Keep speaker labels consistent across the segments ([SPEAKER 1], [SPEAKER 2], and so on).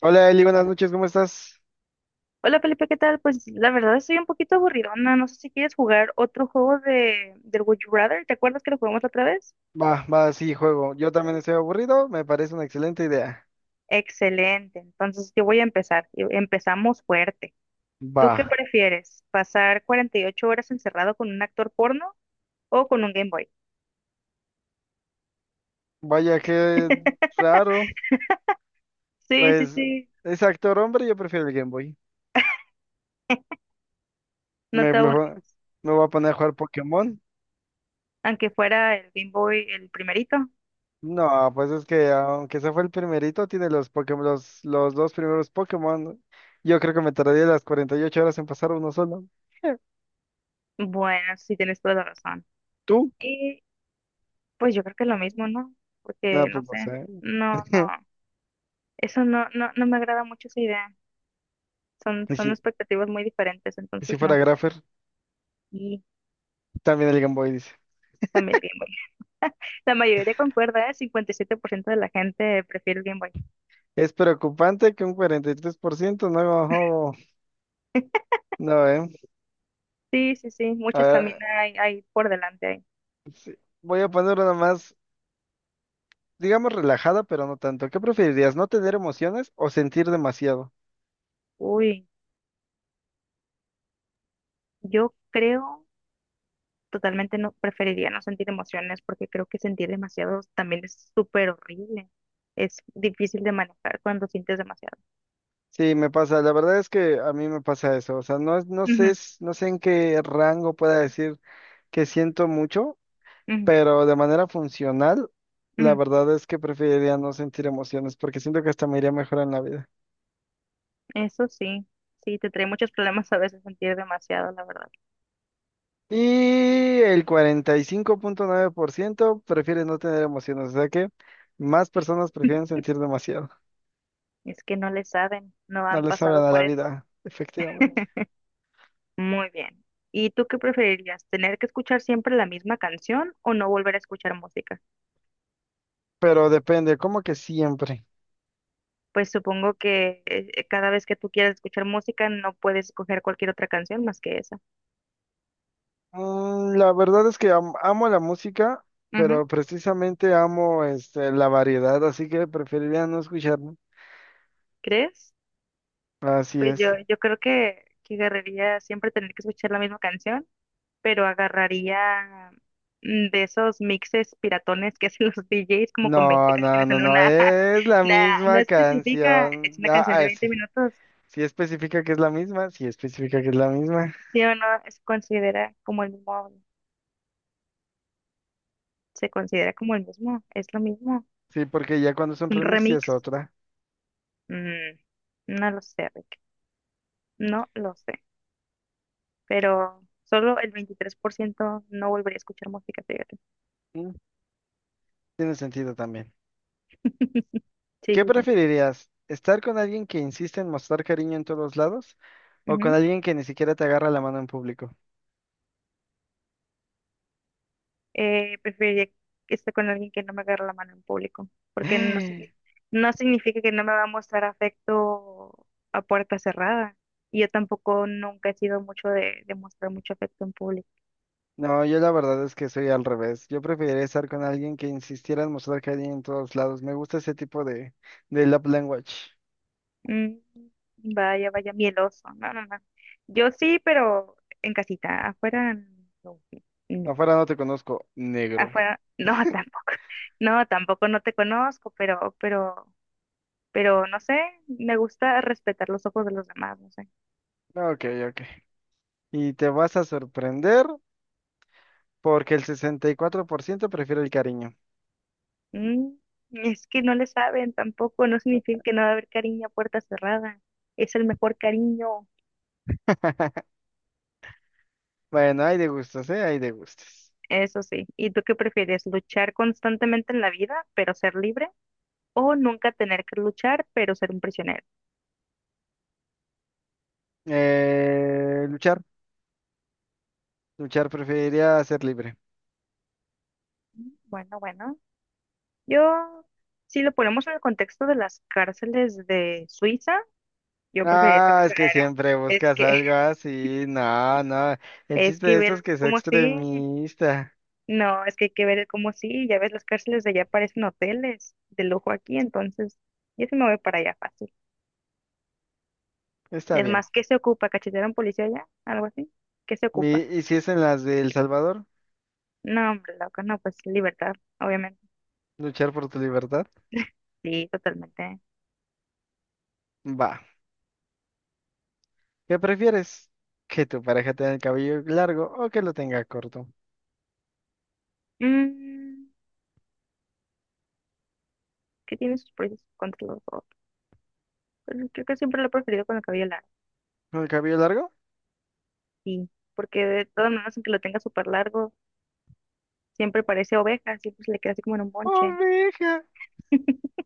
[SPEAKER 1] Hola Eli, buenas noches, ¿cómo estás?
[SPEAKER 2] Hola Felipe, ¿qué tal? Pues la verdad estoy un poquito aburridona. No sé si quieres jugar otro juego de del Would You Rather. ¿Te acuerdas que lo jugamos la otra vez?
[SPEAKER 1] Va, va, sí, juego. Yo también estoy aburrido, me parece una excelente idea.
[SPEAKER 2] Excelente. Entonces yo voy a empezar. Empezamos fuerte.
[SPEAKER 1] Va,
[SPEAKER 2] ¿Tú qué prefieres? ¿Pasar 48 horas encerrado con un actor porno o con un Game Boy?
[SPEAKER 1] vaya qué raro.
[SPEAKER 2] Sí, sí,
[SPEAKER 1] Pues
[SPEAKER 2] sí.
[SPEAKER 1] es actor hombre, yo prefiero el Game Boy.
[SPEAKER 2] No
[SPEAKER 1] Me,
[SPEAKER 2] te
[SPEAKER 1] me,
[SPEAKER 2] aburres.
[SPEAKER 1] va- me voy a poner a jugar Pokémon.
[SPEAKER 2] Aunque fuera el Game Boy el primerito.
[SPEAKER 1] No, pues es que aunque ese fue el primerito, tiene los Pokémon, los dos primeros Pokémon. Yo creo que me tardaría las 48 horas en pasar uno solo.
[SPEAKER 2] Bueno, sí tienes toda la razón.
[SPEAKER 1] ¿Tú?
[SPEAKER 2] Y pues yo creo que es lo mismo, ¿no? Porque
[SPEAKER 1] No,
[SPEAKER 2] no
[SPEAKER 1] pues no
[SPEAKER 2] sé.
[SPEAKER 1] sé.
[SPEAKER 2] No, no. Eso no, no, no me agrada mucho esa idea. son,
[SPEAKER 1] Y
[SPEAKER 2] son
[SPEAKER 1] si,
[SPEAKER 2] expectativas muy diferentes,
[SPEAKER 1] y si
[SPEAKER 2] entonces
[SPEAKER 1] fuera
[SPEAKER 2] no.
[SPEAKER 1] Graffer,
[SPEAKER 2] Y
[SPEAKER 1] también el Game Boy dice.
[SPEAKER 2] también el Game Boy. La mayoría concuerda, ¿eh? 57% de la gente prefiere el Game Boy.
[SPEAKER 1] Es preocupante que un 43% no, no.
[SPEAKER 2] Sí, sí, sí,
[SPEAKER 1] A
[SPEAKER 2] muchas también
[SPEAKER 1] ver,
[SPEAKER 2] hay por delante ahí.
[SPEAKER 1] voy a poner una más, digamos relajada, pero no tanto. ¿Qué preferirías, no tener emociones o sentir demasiado?
[SPEAKER 2] Uy, yo creo totalmente no preferiría no sentir emociones porque creo que sentir demasiado también es súper horrible. Es difícil de manejar cuando sientes demasiado.
[SPEAKER 1] Sí, me pasa, la verdad es que a mí me pasa eso, o sea, no, no sé,
[SPEAKER 2] Ujú,
[SPEAKER 1] no sé en qué rango pueda decir que siento mucho,
[SPEAKER 2] ujú,
[SPEAKER 1] pero de manera funcional, la
[SPEAKER 2] ujú.
[SPEAKER 1] verdad es que preferiría no sentir emociones porque siento que hasta me iría mejor en la vida.
[SPEAKER 2] Eso sí, sí, te trae muchos problemas a veces sentir demasiado, la verdad.
[SPEAKER 1] Y el 45.9% prefiere no tener emociones, o sea que más personas prefieren sentir demasiado.
[SPEAKER 2] Es que no le saben, no
[SPEAKER 1] No
[SPEAKER 2] han
[SPEAKER 1] les saben
[SPEAKER 2] pasado
[SPEAKER 1] a
[SPEAKER 2] por
[SPEAKER 1] la
[SPEAKER 2] eso.
[SPEAKER 1] vida, efectivamente.
[SPEAKER 2] Muy bien. ¿Y tú qué preferirías? ¿Tener que escuchar siempre la misma canción o no volver a escuchar música?
[SPEAKER 1] Pero depende, como que siempre.
[SPEAKER 2] Pues supongo que cada vez que tú quieras escuchar música no puedes escoger cualquier otra canción más que esa.
[SPEAKER 1] Mm, la verdad es que amo la música,
[SPEAKER 2] Ujú.
[SPEAKER 1] pero precisamente amo la variedad, así que preferiría no escucharla.
[SPEAKER 2] ¿Crees?
[SPEAKER 1] Así
[SPEAKER 2] Pues yo,
[SPEAKER 1] es.
[SPEAKER 2] yo creo que agarraría siempre tener que escuchar la misma canción, pero agarraría de esos mixes piratones que hacen los DJs como con 20
[SPEAKER 1] No, no,
[SPEAKER 2] canciones
[SPEAKER 1] no,
[SPEAKER 2] en
[SPEAKER 1] no,
[SPEAKER 2] una,
[SPEAKER 1] es la
[SPEAKER 2] na- no
[SPEAKER 1] misma
[SPEAKER 2] especifica, es
[SPEAKER 1] canción.
[SPEAKER 2] una
[SPEAKER 1] Ah,
[SPEAKER 2] canción de
[SPEAKER 1] ah, sí.
[SPEAKER 2] 20 minutos,
[SPEAKER 1] Sí especifica que es la misma, sí especifica que es la misma.
[SPEAKER 2] sí o no, se considera como el mismo, es lo mismo,
[SPEAKER 1] Sí, porque ya cuando es un
[SPEAKER 2] un
[SPEAKER 1] remix ya es
[SPEAKER 2] remix,
[SPEAKER 1] otra.
[SPEAKER 2] mm, no lo sé, Rick, no lo sé, pero solo el 23% no volvería a escuchar música, fíjate.
[SPEAKER 1] Mm. Tiene sentido también.
[SPEAKER 2] Sí,
[SPEAKER 1] ¿Qué
[SPEAKER 2] sí, sí.
[SPEAKER 1] preferirías? ¿Estar con alguien que insiste en mostrar cariño en todos lados o con
[SPEAKER 2] Ujú.
[SPEAKER 1] alguien que ni siquiera te agarra la mano en público?
[SPEAKER 2] Preferiría que esté con alguien que no me agarre la mano en público, porque no significa que no me va a mostrar afecto a puerta cerrada. Y yo tampoco nunca he sido mucho de mostrar mucho afecto en público.
[SPEAKER 1] No, yo la verdad es que soy al revés. Yo preferiría estar con alguien que insistiera en mostrar cariño en todos lados. Me gusta ese tipo de, love language.
[SPEAKER 2] Mm, Vaya, vaya, mieloso. No, no, no. Yo sí, pero en casita. Afuera, no. No.
[SPEAKER 1] Afuera no te conozco, negro.
[SPEAKER 2] Afuera, no, tampoco. No, tampoco no te conozco, pero no sé. Me gusta respetar los ojos de los demás, no sé.
[SPEAKER 1] Ok, ok. Y te vas a sorprender porque el 64% prefiere el cariño.
[SPEAKER 2] Mm, es que no le saben tampoco. No significa que no va a haber cariño a puerta cerrada. Es el mejor cariño.
[SPEAKER 1] Bueno, hay de gustos, ¿eh? Hay de gustos.
[SPEAKER 2] Eso sí. ¿Y tú qué prefieres? ¿Luchar constantemente en la vida, pero ser libre? ¿O nunca tener que luchar, pero ser un prisionero?
[SPEAKER 1] Eh, luchar, luchar, preferiría ser libre.
[SPEAKER 2] Bueno, bueno, yo, si lo ponemos en el contexto de las cárceles de Suiza, yo preferiría ser
[SPEAKER 1] Ah, es que
[SPEAKER 2] prisionera.
[SPEAKER 1] siempre
[SPEAKER 2] Es
[SPEAKER 1] buscas
[SPEAKER 2] que,
[SPEAKER 1] algo así. No, no. El
[SPEAKER 2] es
[SPEAKER 1] chiste
[SPEAKER 2] que
[SPEAKER 1] de esto
[SPEAKER 2] ver
[SPEAKER 1] es que sea
[SPEAKER 2] como si,
[SPEAKER 1] extremista.
[SPEAKER 2] no, es que hay que ver como si, ya ves, las cárceles de allá parecen hoteles de lujo aquí, entonces, yo sí me voy para allá fácil.
[SPEAKER 1] Está
[SPEAKER 2] Es
[SPEAKER 1] bien.
[SPEAKER 2] más, ¿qué se ocupa? ¿Cachetear a un policía allá? ¿Algo así? ¿Qué se ocupa?
[SPEAKER 1] ¿Y si es en las de El Salvador?
[SPEAKER 2] No, hombre, loca, no, pues libertad, obviamente.
[SPEAKER 1] ¿Luchar por tu libertad?
[SPEAKER 2] Sí, totalmente.
[SPEAKER 1] Va. ¿Qué prefieres? ¿Que tu pareja tenga el cabello largo o que lo tenga corto?
[SPEAKER 2] Mm, ¿Qué tiene sus pros y sus contras los dos? Pero creo que siempre lo he preferido con el cabello largo.
[SPEAKER 1] ¿El cabello largo?
[SPEAKER 2] Sí, porque de todas maneras, aunque lo tenga súper largo, siempre parece oveja, siempre se le queda así como en un bonche.
[SPEAKER 1] ¡Oveja!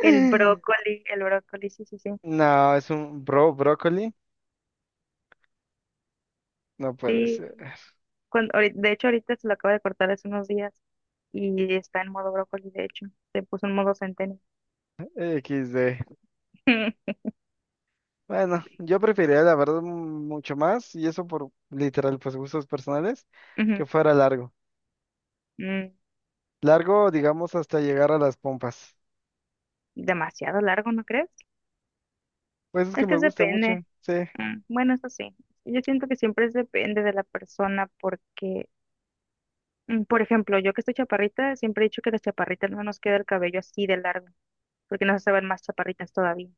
[SPEAKER 2] El brócoli, sí, sí, sí.
[SPEAKER 1] No, es un bro brócoli. No puede
[SPEAKER 2] Sí,
[SPEAKER 1] ser.
[SPEAKER 2] de hecho ahorita se lo acabo de cortar hace unos días y está en modo brócoli, de hecho, se puso en modo centeno.
[SPEAKER 1] Equis de. Bueno, yo preferiría la verdad mm, mucho más, y eso por literal, pues gustos personales, que
[SPEAKER 2] Ujú,
[SPEAKER 1] fuera largo.
[SPEAKER 2] mm,
[SPEAKER 1] Largo, digamos, hasta llegar a las pompas.
[SPEAKER 2] demasiado largo, ¿no crees?
[SPEAKER 1] Pues es que
[SPEAKER 2] Es
[SPEAKER 1] me
[SPEAKER 2] que
[SPEAKER 1] gusta mucho,
[SPEAKER 2] depende.
[SPEAKER 1] sí.
[SPEAKER 2] Bueno, eso sí. Yo siento que siempre es depende de la persona porque, por ejemplo, yo que estoy chaparrita, siempre he dicho que las chaparritas no nos queda el cabello así de largo. Porque nos hace ver más chaparritas todavía.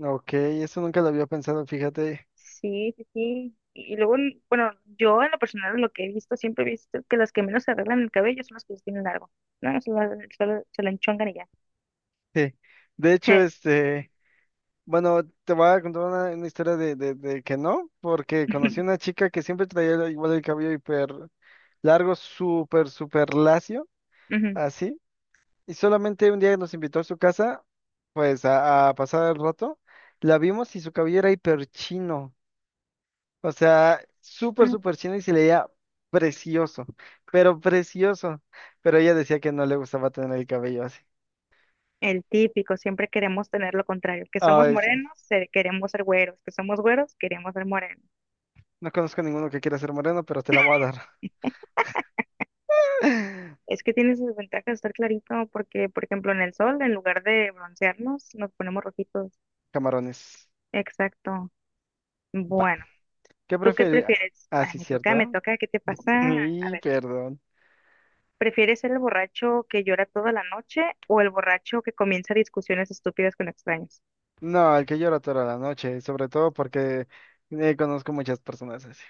[SPEAKER 1] Ok, eso nunca lo había pensado, fíjate.
[SPEAKER 2] Sí, sí, sí. Y luego, bueno, yo en lo personal lo que he visto, siempre he visto que las que menos se arreglan el cabello son las que lo tienen largo. No, solo se lo enchongan y ya.
[SPEAKER 1] Sí. De hecho, bueno, te voy a contar una historia de que no, porque conocí una chica que siempre traía igual el cabello hiper largo, súper, súper lacio,
[SPEAKER 2] Ujú.
[SPEAKER 1] así. Y solamente un día nos invitó a su casa, pues a pasar el rato. La vimos y su cabello era hiper chino. O sea, súper, súper chino y se le veía precioso, precioso. Pero ella decía que no le gustaba tener el cabello así.
[SPEAKER 2] El típico, siempre queremos tener lo contrario, que somos
[SPEAKER 1] Ay, sí.
[SPEAKER 2] morenos, queremos ser güeros, que somos güeros, queremos ser morenos.
[SPEAKER 1] No conozco a ninguno que quiera ser moreno, pero te la voy a dar.
[SPEAKER 2] Es que tiene sus ventajas estar clarito, porque, por ejemplo, en el sol, en lugar de broncearnos, nos ponemos rojitos.
[SPEAKER 1] Camarones.
[SPEAKER 2] Exacto.
[SPEAKER 1] Va.
[SPEAKER 2] Bueno.
[SPEAKER 1] ¿Qué
[SPEAKER 2] ¿Tú qué
[SPEAKER 1] prefieres?
[SPEAKER 2] prefieres?
[SPEAKER 1] Ah, sí,
[SPEAKER 2] Me
[SPEAKER 1] cierto,
[SPEAKER 2] toca, me
[SPEAKER 1] ¿ah?
[SPEAKER 2] toca, ¿qué te pasa? A
[SPEAKER 1] Y
[SPEAKER 2] ver,
[SPEAKER 1] perdón.
[SPEAKER 2] ¿prefieres ser el borracho que llora toda la noche o el borracho que comienza discusiones estúpidas con extraños?
[SPEAKER 1] No, el que llora toda la noche, sobre todo porque conozco muchas personas así.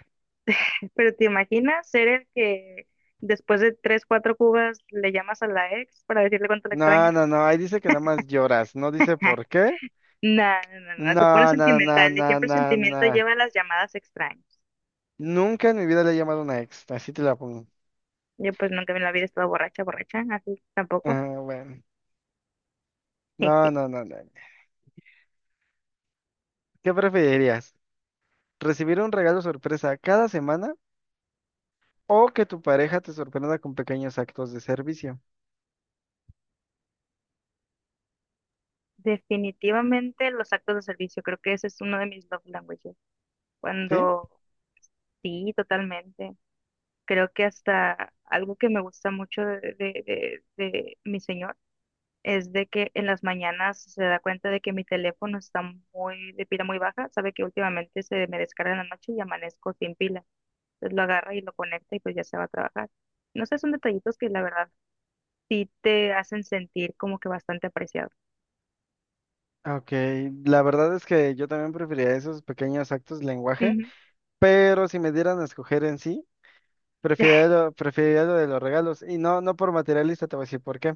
[SPEAKER 2] Pero ¿te imaginas ser el que después de tres, cuatro cubas le llamas a la ex para decirle cuánto la
[SPEAKER 1] No,
[SPEAKER 2] extrañas?
[SPEAKER 1] no, no, ahí dice que nada más lloras, no dice por qué.
[SPEAKER 2] No, no, no, no, te pones
[SPEAKER 1] No, no, no,
[SPEAKER 2] sentimental y
[SPEAKER 1] no,
[SPEAKER 2] siempre el
[SPEAKER 1] no,
[SPEAKER 2] sentimiento
[SPEAKER 1] no.
[SPEAKER 2] lleva a las llamadas extrañas.
[SPEAKER 1] Nunca en mi vida le he llamado a una ex, así te la pongo.
[SPEAKER 2] Yo pues nunca en la vida he estado borracha, borracha, así tampoco.
[SPEAKER 1] Ajá, bueno. No, no, no, no. ¿Qué preferirías? ¿Recibir un regalo sorpresa cada semana o que tu pareja te sorprenda con pequeños actos de servicio?
[SPEAKER 2] Definitivamente los actos de servicio, creo que ese es uno de mis love languages.
[SPEAKER 1] ¿Sí?
[SPEAKER 2] Cuando Sí, totalmente. Creo que hasta algo que me gusta mucho de mi señor es de que en las mañanas se da cuenta de que mi teléfono está muy de pila muy baja, sabe que últimamente se me descarga en la noche y amanezco sin pila. Entonces lo agarra y lo conecta y pues ya se va a trabajar. No sé, son detallitos que la verdad sí te hacen sentir como que bastante apreciado.
[SPEAKER 1] Ok, la verdad es que yo también preferiría esos pequeños actos de lenguaje,
[SPEAKER 2] Ujú.
[SPEAKER 1] pero si me dieran a escoger en sí, preferiría lo de los regalos y no, no por materialista, te voy a decir por qué.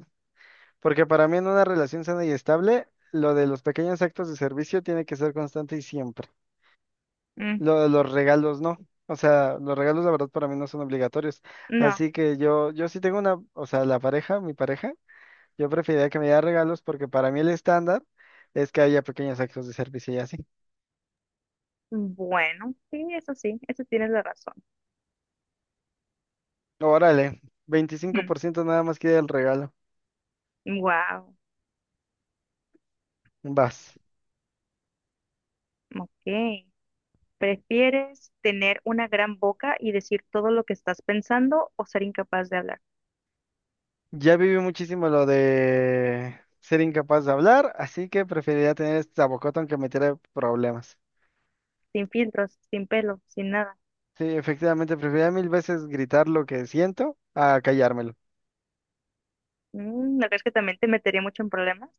[SPEAKER 1] Porque para mí en una relación sana y estable, lo de los pequeños actos de servicio tiene que ser constante y siempre.
[SPEAKER 2] Mm,
[SPEAKER 1] Lo de los regalos no. O sea, los regalos la verdad para mí no son obligatorios.
[SPEAKER 2] no,
[SPEAKER 1] Así que yo sí tengo una, o sea, la pareja, mi pareja, yo preferiría que me diera regalos porque para mí el estándar es que haya pequeños actos de servicio y así.
[SPEAKER 2] bueno, sí, eso tienes la razón.
[SPEAKER 1] Órale, 25% nada más quiere el regalo.
[SPEAKER 2] Wow,
[SPEAKER 1] Vas.
[SPEAKER 2] ok. ¿Prefieres tener una gran boca y decir todo lo que estás pensando o ser incapaz de hablar?
[SPEAKER 1] Ya viví muchísimo lo de ser incapaz de hablar, así que preferiría tener esta bocota aunque me tire problemas.
[SPEAKER 2] Sin filtros, sin pelo, sin nada.
[SPEAKER 1] Sí, efectivamente, preferiría mil veces gritar lo que siento a callármelo.
[SPEAKER 2] ¿No crees que también te metería mucho en problemas?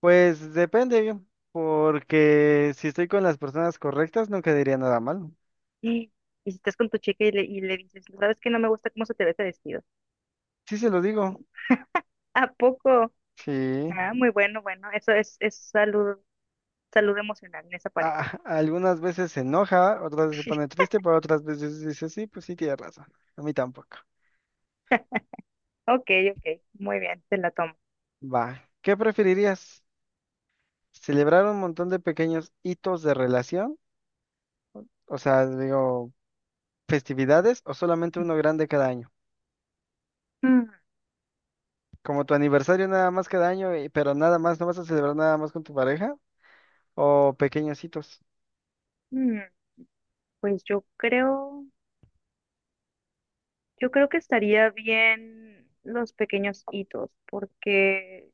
[SPEAKER 1] Pues depende, porque si estoy con las personas correctas, nunca diría nada malo.
[SPEAKER 2] Y y si estás con tu chica y le dices: "No, ¿sabes que no me gusta cómo se te ve este vestido?"
[SPEAKER 1] Sí, se lo digo.
[SPEAKER 2] ¿A poco?
[SPEAKER 1] Sí.
[SPEAKER 2] Ah, muy bueno, bueno. Eso es salud, emocional en esa pareja.
[SPEAKER 1] Ah, algunas veces se enoja, otras veces se pone triste, pero otras veces dice, sí, pues sí, tiene razón. A mí tampoco.
[SPEAKER 2] Ok, ok. Muy bien, te la tomo.
[SPEAKER 1] Va. ¿Qué preferirías? ¿Celebrar un montón de pequeños hitos de relación? O sea, digo, festividades o solamente uno grande cada año?
[SPEAKER 2] Mm,
[SPEAKER 1] Como tu aniversario nada más cada año, pero nada más, ¿no vas a celebrar nada más con tu pareja o pequeños hitos?
[SPEAKER 2] mm, Pues yo creo que estaría bien los pequeños hitos, porque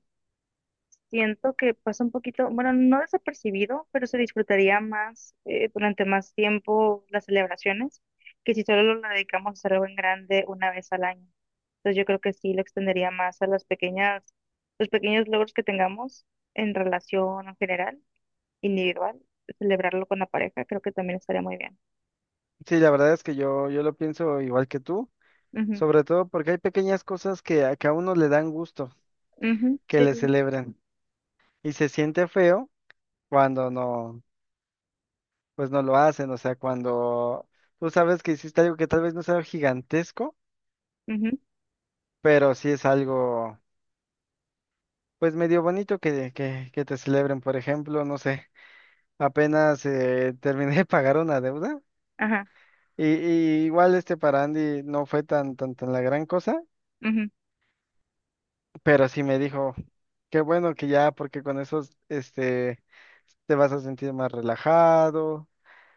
[SPEAKER 2] siento que pasa un poquito, bueno, no desapercibido, pero se disfrutaría más durante más tiempo las celebraciones que si solo lo dedicamos a hacer algo en grande una vez al año. Entonces yo creo que sí lo extendería más a las pequeñas, los pequeños logros que tengamos en relación en general, individual, celebrarlo con la pareja, creo que también estaría muy bien.
[SPEAKER 1] Sí, la verdad es que yo lo pienso igual que tú,
[SPEAKER 2] Ujú,
[SPEAKER 1] sobre todo porque hay pequeñas cosas que, que a uno le dan gusto
[SPEAKER 2] ujú,
[SPEAKER 1] que
[SPEAKER 2] sí,
[SPEAKER 1] le
[SPEAKER 2] sí,
[SPEAKER 1] celebren y se siente feo cuando no, pues no lo hacen, o sea, cuando tú sabes que hiciste algo que tal vez no sea gigantesco,
[SPEAKER 2] ujú,
[SPEAKER 1] pero sí es algo, pues medio bonito que te celebren, por ejemplo, no sé, apenas terminé de pagar una deuda.
[SPEAKER 2] ajá,
[SPEAKER 1] Y igual para Andy no fue tan, tan, tan la gran cosa,
[SPEAKER 2] ujú.
[SPEAKER 1] pero sí me dijo, qué bueno que ya, porque con esos, te vas a sentir más relajado,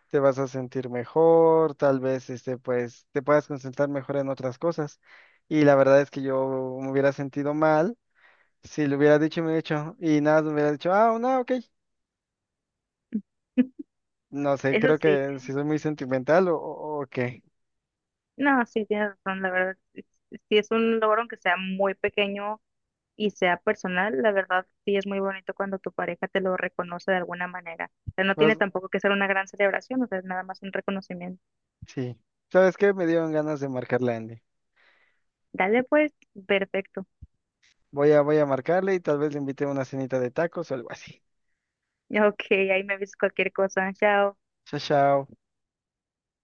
[SPEAKER 1] te vas a sentir mejor, tal vez, pues, te puedas concentrar mejor en otras cosas. Y la verdad es que yo me hubiera sentido mal si le hubiera dicho y me hubiera dicho, y nada, me hubiera dicho, ah, no, ok. No sé,
[SPEAKER 2] Eso
[SPEAKER 1] creo
[SPEAKER 2] sí,
[SPEAKER 1] que si soy muy sentimental o, o qué.
[SPEAKER 2] no, sí, tienes razón, la verdad, sí es un logro aunque sea muy pequeño y sea personal, la verdad sí es muy bonito cuando tu pareja te lo reconoce de alguna manera. O sea, no tiene
[SPEAKER 1] Pues,
[SPEAKER 2] tampoco que ser una gran celebración, o sea, es nada más un reconocimiento.
[SPEAKER 1] sí. ¿Sabes qué? Me dieron ganas de marcarle a Andy.
[SPEAKER 2] Dale pues, perfecto.
[SPEAKER 1] Voy a marcarle y tal vez le invite a una cenita de tacos o algo así.
[SPEAKER 2] Ok, ahí me avisas cualquier cosa. Chao.
[SPEAKER 1] Chao, chao.